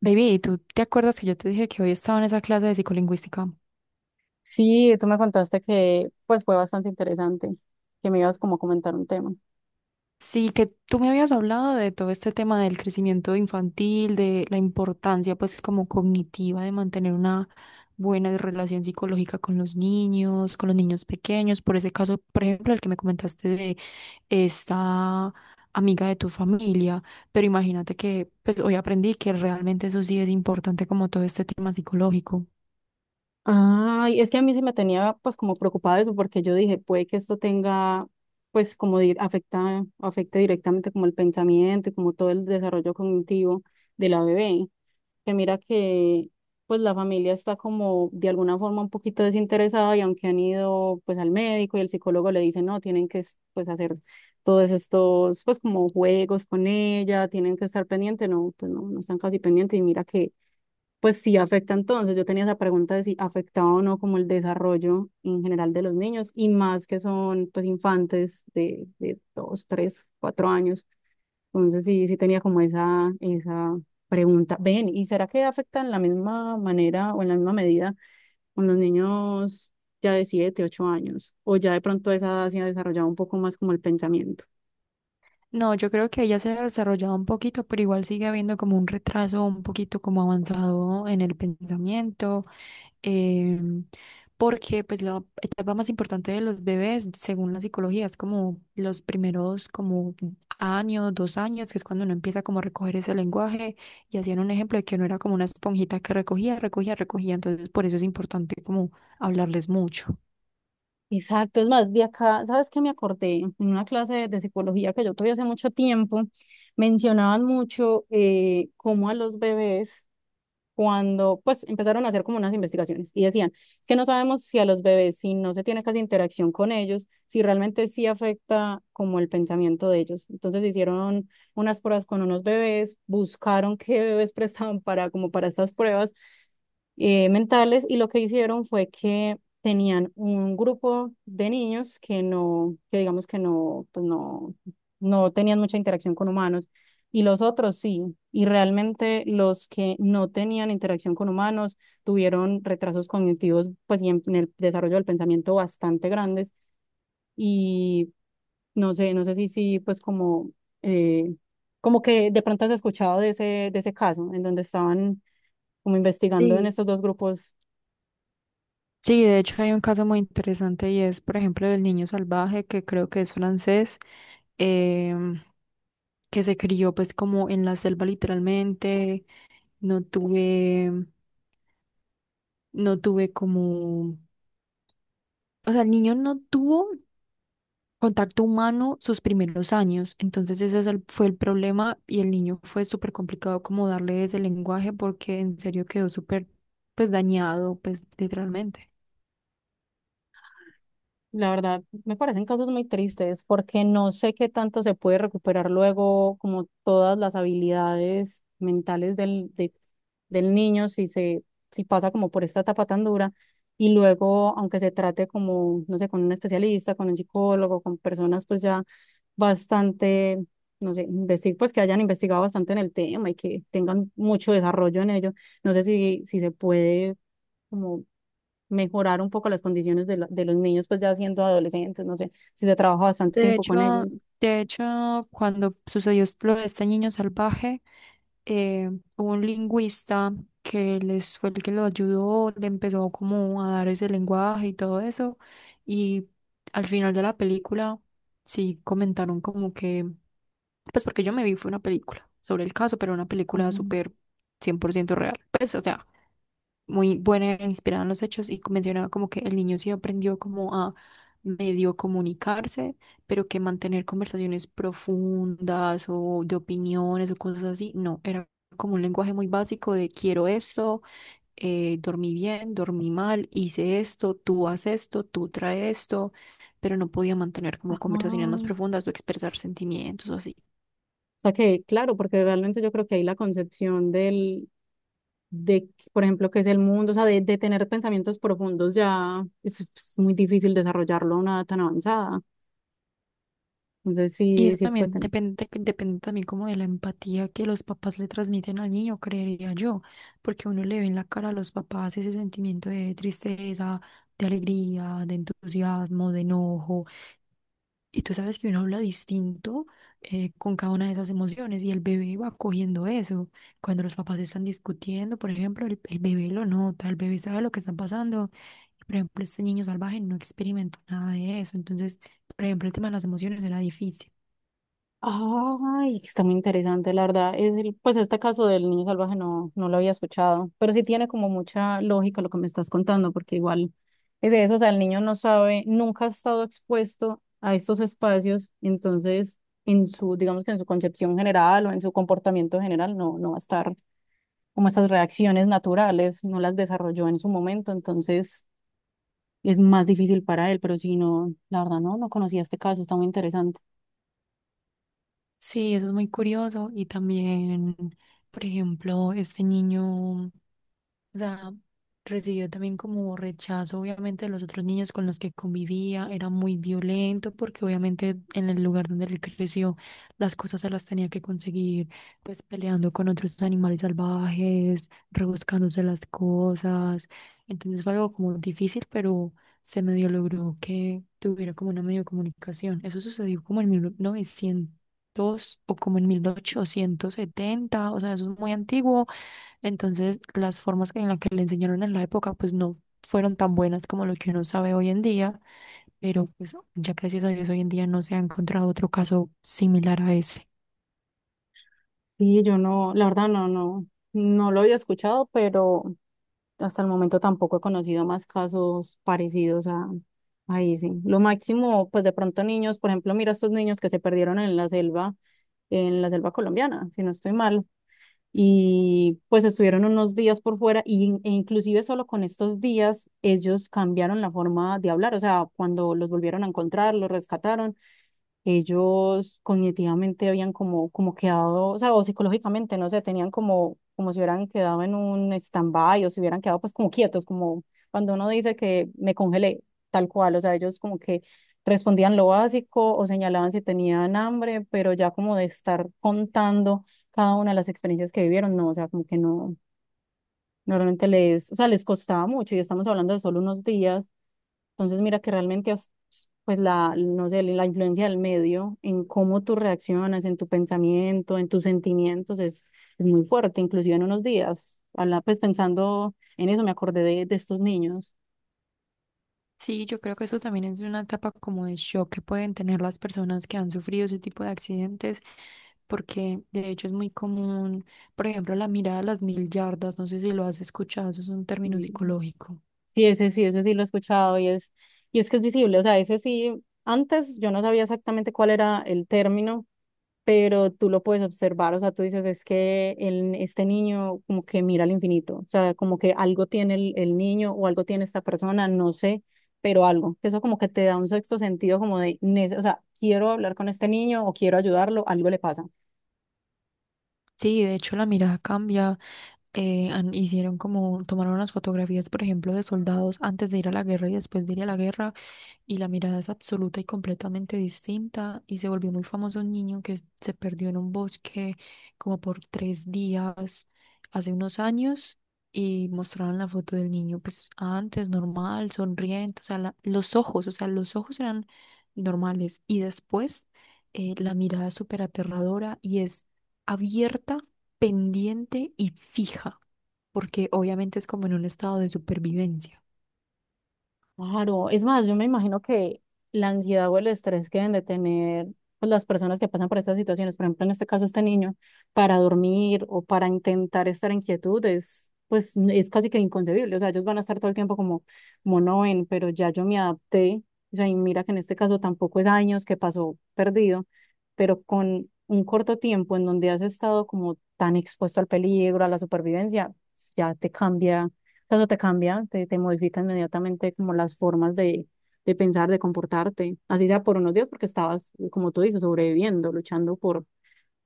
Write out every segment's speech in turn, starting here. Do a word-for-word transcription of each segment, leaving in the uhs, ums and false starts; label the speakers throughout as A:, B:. A: Baby, ¿tú te acuerdas que yo te dije que hoy estaba en esa clase de psicolingüística?
B: Sí, tú me contaste que pues fue bastante interesante, que me ibas como a comentar un tema.
A: Sí, que tú me habías hablado de todo este tema del crecimiento infantil, de la importancia pues como cognitiva de mantener una buena relación psicológica con los niños, con los niños pequeños, por ese caso, por ejemplo, el que me comentaste de esta amiga de tu familia, pero imagínate que pues hoy aprendí que realmente eso sí es importante como todo este tema psicológico.
B: Ay, es que a mí sí me tenía pues como preocupada eso porque yo dije, puede que esto tenga pues como di- afecta afecte directamente como el pensamiento y como todo el desarrollo cognitivo de la bebé. Que mira que pues la familia está como de alguna forma un poquito desinteresada y aunque han ido pues al médico y el psicólogo le dice no, tienen que es- pues hacer todos estos pues como juegos con ella, tienen que estar pendiente, no, pues no, no están casi pendientes y mira que pues sí afecta entonces, yo tenía esa pregunta de si afectaba o no como el desarrollo en general de los niños y más que son pues infantes de, de dos, tres, cuatro años. Entonces sí, sí tenía como esa, esa pregunta. Ven, ¿y será que afectan de la misma manera o en la misma medida con los niños ya de siete ocho años? O ya de pronto a esa edad se ha desarrollado un poco más como el pensamiento.
A: No, yo creo que ella se ha desarrollado un poquito, pero igual sigue habiendo como un retraso, un poquito como avanzado en el pensamiento, em, porque pues la etapa más importante de los bebés, según la psicología, es como los primeros como años, dos años, que es cuando uno empieza como a recoger ese lenguaje y hacían un ejemplo de que uno era como una esponjita que recogía, recogía, recogía, entonces por eso es importante como hablarles mucho.
B: Exacto, es más, de acá, ¿sabes qué me acordé? En una clase de, de psicología que yo tuve hace mucho tiempo, mencionaban mucho eh, cómo a los bebés cuando pues empezaron a hacer como unas investigaciones y decían, es que no sabemos si a los bebés, si no se tiene casi interacción con ellos, si realmente sí afecta como el pensamiento de ellos. Entonces hicieron unas pruebas con unos bebés, buscaron qué bebés prestaban para como para estas pruebas eh, mentales y lo que hicieron fue que tenían un grupo de niños que no, que digamos que no, pues no, no tenían mucha interacción con humanos y los otros sí. Y realmente los que no tenían interacción con humanos tuvieron retrasos cognitivos, pues y en, en el desarrollo del pensamiento bastante grandes y no sé, no sé si sí, pues como... eh, como que de pronto has escuchado de ese, de ese caso, en donde estaban como investigando en
A: Sí.
B: estos dos grupos.
A: Sí, de hecho hay un caso muy interesante y es, por ejemplo, del niño salvaje, que creo que es francés, em, que se crió pues como en la selva literalmente, no tuve, no tuve como, o sea, el niño no tuvo contacto humano sus primeros años, entonces ese es el- fue el problema y el niño fue súper complicado como darle ese lenguaje porque en serio quedó súper pues dañado pues literalmente.
B: La verdad, me parecen casos muy tristes porque no sé qué tanto se puede recuperar luego como todas las habilidades mentales del, de- del niño si se, si pasa como por esta etapa tan dura y luego, aunque se trate como, no sé, con un especialista, con un psicólogo, con personas pues ya bastante, no sé, investig pues que hayan investigado bastante en el tema y que tengan mucho desarrollo en ello, no sé si, si se puede como mejorar un poco las condiciones de, la- de los niños, pues ya siendo adolescentes, no sé, si se trabaja bastante
A: De
B: tiempo con
A: hecho,
B: ellos.
A: de hecho, cuando sucedió lo de este niño salvaje, eh, hubo un lingüista que les fue el que lo ayudó, le empezó como a dar ese lenguaje y todo eso. Y al final de la película, sí comentaron como que, pues porque yo me vi fue una película sobre el caso, pero una
B: Ah.
A: película súper cien por ciento real. Pues, o sea, muy buena, e inspirada en los hechos y mencionaba como que el niño sí aprendió como a medio comunicarse, pero que mantener conversaciones profundas o de opiniones o cosas así, no, era como un lenguaje muy básico de quiero esto, eh, dormí bien, dormí mal, hice esto, tú haz esto, tú trae esto, pero no podía mantener como
B: Ajá.
A: conversaciones más
B: O
A: profundas o expresar sentimientos o así.
B: sea que, claro, porque realmente yo creo que ahí la concepción del, de, por ejemplo, qué es el mundo, o sea, de, de tener pensamientos profundos ya es, pues, muy difícil desarrollarlo a una edad tan avanzada. Entonces
A: Y
B: sí,
A: eso
B: sí puede.
A: también depende, depende también como de la empatía que los papás le transmiten al niño, creería yo, porque uno le ve en la cara a los papás ese sentimiento de tristeza, de alegría, de entusiasmo, de enojo. Y tú sabes que uno habla distinto eh, con cada una de esas emociones y el bebé va cogiendo eso. Cuando los papás están discutiendo, por ejemplo, el, el bebé lo nota, el bebé sabe lo que está pasando. Por ejemplo, este niño salvaje no experimentó nada de eso. Entonces, por ejemplo, el tema de las emociones era difícil.
B: Ay, está muy interesante, la verdad. Es el, pues este caso del niño salvaje no, no lo había escuchado, pero sí tiene como mucha lógica lo que me estás contando, porque igual es de eso, o sea, el niño no sabe, nunca ha estado expuesto a estos espacios, entonces en su, digamos que en su concepción general o en su comportamiento general no, no va a estar como estas reacciones naturales, no las desarrolló en su momento, entonces es más difícil para él, pero si no, la verdad no, no conocía este caso, está muy interesante.
A: Sí, eso es muy curioso. Y también, por ejemplo, este niño. O sea, recibió también como rechazo, obviamente, de los otros niños con los que convivía. Era muy violento porque obviamente en el lugar donde él creció, las cosas se las tenía que conseguir, pues peleando con otros animales salvajes, rebuscándose las cosas. Entonces fue algo como difícil, pero se medio logró que tuviera como una medio comunicación. Eso sucedió como en mil novecientos o como en mil ochocientos setenta, o sea, eso es muy antiguo, entonces las formas en las que le enseñaron en la época, pues no fueron tan buenas como lo que uno sabe hoy en día, pero pues ya gracias a Dios hoy en día no se ha encontrado otro caso similar a ese.
B: Sí, yo no, la verdad no, no, no lo había escuchado, pero hasta el momento tampoco he conocido más casos parecidos a, a ese. Lo máximo, pues de pronto niños, por ejemplo, mira estos niños que se perdieron en la selva, en la selva colombiana, si no estoy mal, y pues estuvieron unos días por fuera y, in- e inclusive solo con estos días ellos cambiaron la forma de hablar, o sea, cuando los volvieron a encontrar, los rescataron ellos cognitivamente habían como, como quedado, o sea, o psicológicamente, no sé, tenían como, como si hubieran quedado en un stand-by o si hubieran quedado pues como quietos, como cuando uno dice que me congelé, tal cual, o sea, ellos como que respondían lo básico o señalaban si tenían hambre, pero ya como de estar contando cada una de las experiencias que vivieron, no, o sea, como que no, normalmente les, o sea, les costaba mucho y estamos hablando de solo unos días. Entonces, mira que realmente, as- pues la, no sé, la influencia del medio en cómo tú reaccionas, en tu pensamiento, en tus sentimientos, es, es muy fuerte, inclusive en unos días. Habla, pues pensando en eso, me acordé de, de estos niños.
A: Sí, yo creo que eso también es una etapa como de shock que pueden tener las personas que han sufrido ese tipo de accidentes, porque de hecho es muy común, por ejemplo, la mirada a las mil yardas, no sé si lo has escuchado, eso es un término
B: Y
A: psicológico.
B: sí, ese sí, ese sí lo he escuchado y es, y es que es visible, o sea, ese sí, antes yo no sabía exactamente cuál era el término pero tú lo puedes observar, o sea, tú dices, es que el, este niño como que mira al infinito, o sea, como que algo tiene el, el niño o algo tiene esta persona, no sé, pero algo. Eso como que te da un sexto sentido como de, nece- o sea, quiero hablar con este niño o quiero ayudarlo, algo le pasa.
A: Sí, de hecho la mirada cambia. Eh, han- hicieron como, tomaron unas fotografías, por ejemplo, de soldados antes de ir a la guerra y después de ir a la guerra y la mirada es absoluta y completamente distinta y se volvió muy famoso un niño que s- se perdió en un bosque como por tres días hace unos años y mostraban la foto del niño pues antes normal, sonriente, o sea, la- los ojos, o sea, los ojos eran normales y después, eh, la mirada es súper aterradora y es abierta, pendiente y fija, porque obviamente es como en un estado de supervivencia.
B: Claro, es más, yo me imagino que la ansiedad o el estrés que deben de tener pues, las personas que pasan por estas situaciones, por ejemplo, en este caso este niño, para dormir o para intentar estar en quietud es, pues, n- es casi que inconcebible. O sea, ellos van a estar todo el tiempo como, como no ven, pero ya yo me adapté. O sea, y mira que en este caso tampoco es años que pasó perdido, pero con un corto tiempo en donde has estado como tan expuesto al peligro, a la supervivencia, ya te cambia. sea, Eso te cambia, te, te modifica inmediatamente como las formas de, de pensar, de comportarte, así sea por unos días, porque estabas, como tú dices, sobreviviendo, luchando por,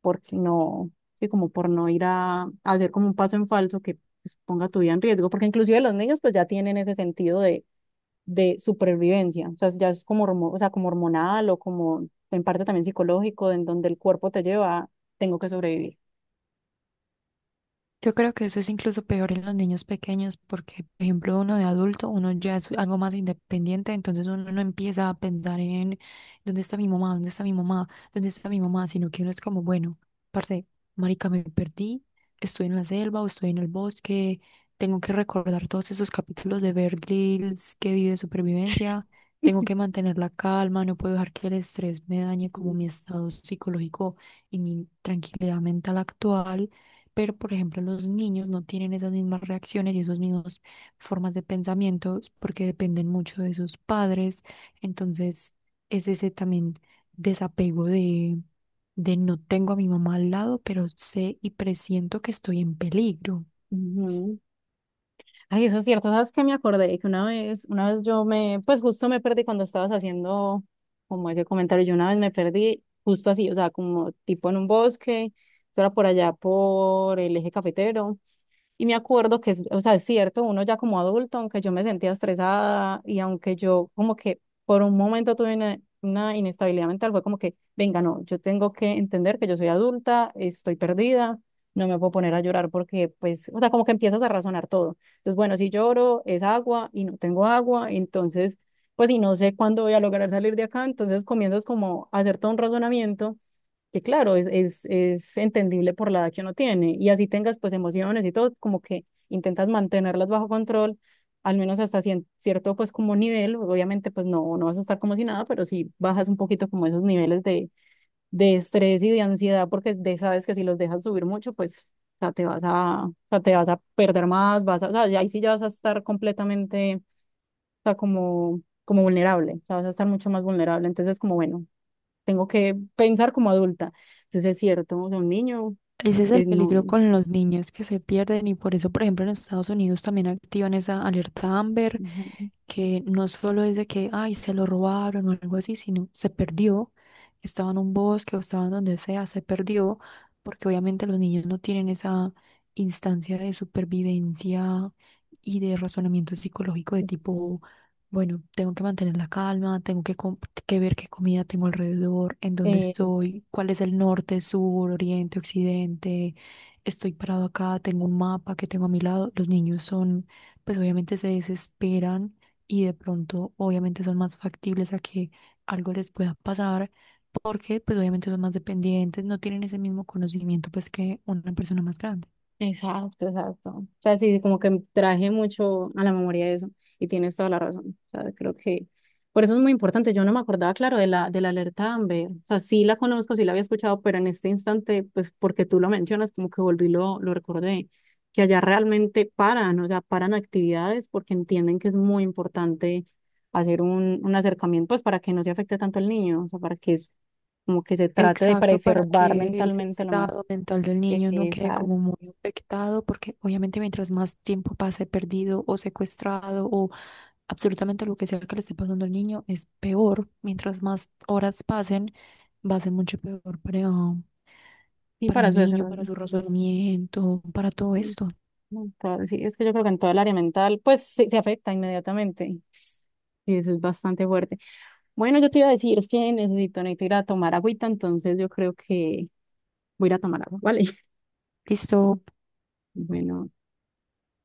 B: por no, sí, como por no ir a, a hacer como un paso en falso que pues, ponga tu vida en riesgo, porque inclusive los niños pues ya tienen ese sentido de, de supervivencia, o sea, ya es como, hormo- o sea, como hormonal o como en parte también psicológico, en donde el cuerpo te lleva, tengo que sobrevivir.
A: Yo creo que eso es incluso peor en los niños pequeños porque, por ejemplo, uno de adulto, uno ya es algo más independiente, entonces uno no empieza a pensar en dónde está mi mamá, dónde está mi mamá, dónde está mi mamá, sino que uno es como, bueno, parce, marica, me perdí, estoy en la selva o estoy en el bosque, tengo que recordar todos esos capítulos de Bear Grylls que vi de supervivencia, tengo que mantener la calma, no puedo dejar que el estrés me dañe como mi
B: Ujú.
A: estado psicológico y mi tranquilidad mental actual. Pero, por ejemplo, los niños no tienen esas mismas reacciones y esas mismas formas de pensamiento porque dependen mucho de sus padres. Entonces, es ese también desapego de, de no tengo a mi mamá al lado, pero sé y presiento que estoy en peligro.
B: Ujú. Ay, eso es cierto, sabes que me acordé que una vez, una vez yo me, pues justo me perdí cuando estabas haciendo como ese comentario, yo una vez me perdí justo así, o sea, como tipo en un bosque, eso era por allá por el eje cafetero, y me acuerdo que, es, o sea, es cierto, uno ya como adulto, aunque yo me sentía estresada y aunque yo como que por un momento tuve una, una inestabilidad mental, fue como que, venga, no, yo tengo que entender que yo soy adulta, estoy perdida, no me puedo poner a llorar porque, pues, o sea, como que empiezas a razonar todo. Entonces, bueno, si lloro es agua y no tengo agua, entonces, pues, y no sé cuándo voy a lograr salir de acá, entonces comienzas como a hacer todo un razonamiento que claro, es, es, es entendible por la edad que uno tiene. Y así tengas pues emociones y todo, como que intentas mantenerlas bajo control, al menos hasta cien- cierto pues como nivel. Obviamente pues no, no vas a estar como si nada, pero sí bajas un poquito como esos niveles de, de estrés y de ansiedad, porque de, sabes que si los dejas subir mucho, pues o sea, te vas a, o sea, te vas a perder más, vas a, o sea, ya- ahí sí ya vas a estar completamente, o sea, como, como vulnerable, o sea, vas a estar mucho más vulnerable. Entonces como bueno tengo que pensar como adulta. Entonces es cierto, o sea, un niño,
A: Ese es el
B: pues no,
A: peligro
B: no,
A: con los niños que se pierden y por eso, por ejemplo, en Estados Unidos también activan esa alerta Amber,
B: no,
A: que no solo es de que, ay, se lo robaron o algo así, sino se perdió, estaba en un bosque o estaba en donde sea, se perdió, porque obviamente los niños no tienen esa instancia de supervivencia y de razonamiento psicológico de
B: no,
A: tipo bueno, tengo que mantener la calma, tengo que, com- que ver qué comida tengo alrededor, en dónde
B: es,
A: estoy, cuál es el norte, sur, oriente, occidente. Estoy parado acá, tengo un mapa que tengo a mi lado. Los niños son, pues obviamente se desesperan y de pronto obviamente son más factibles a que algo les pueda pasar porque pues obviamente son más dependientes, no tienen ese mismo conocimiento pues que una persona más grande.
B: Exacto, exacto. O sea, sí, como que traje mucho a la memoria eso y tienes toda la razón. O sea, creo que por eso es muy importante. Yo no me acordaba, claro, de la, de la alerta Amber. O sea, sí la conozco, sí la había escuchado, pero en este instante, pues porque tú lo mencionas, como que volví, lo, lo recordé, que allá realmente paran, o sea, paran actividades porque entienden que es muy importante hacer un, un acercamiento, pues para que no se afecte tanto al niño, o sea, para que es como que se trate de
A: Exacto, para
B: preservar
A: que ese
B: mentalmente lo más.
A: estado mental del
B: e,
A: niño no quede
B: Exacto.
A: como muy afectado, porque obviamente mientras más tiempo pase perdido o secuestrado o absolutamente lo que sea que le esté pasando al niño es peor. Mientras más horas pasen, va a ser mucho peor para,
B: Y
A: para
B: para
A: el
B: su
A: niño,
B: desarrollo.
A: para su razonamiento, para todo
B: Mm,
A: esto.
B: en todo- sí, es que yo creo que en todo el área mental, pues sí, se afecta inmediatamente. Y eso es bastante fuerte. Bueno, yo te iba a decir, es que necesito, necesito ir a tomar agüita, entonces yo creo que voy a ir a tomar agua, ¿vale?
A: Listo,
B: Bueno.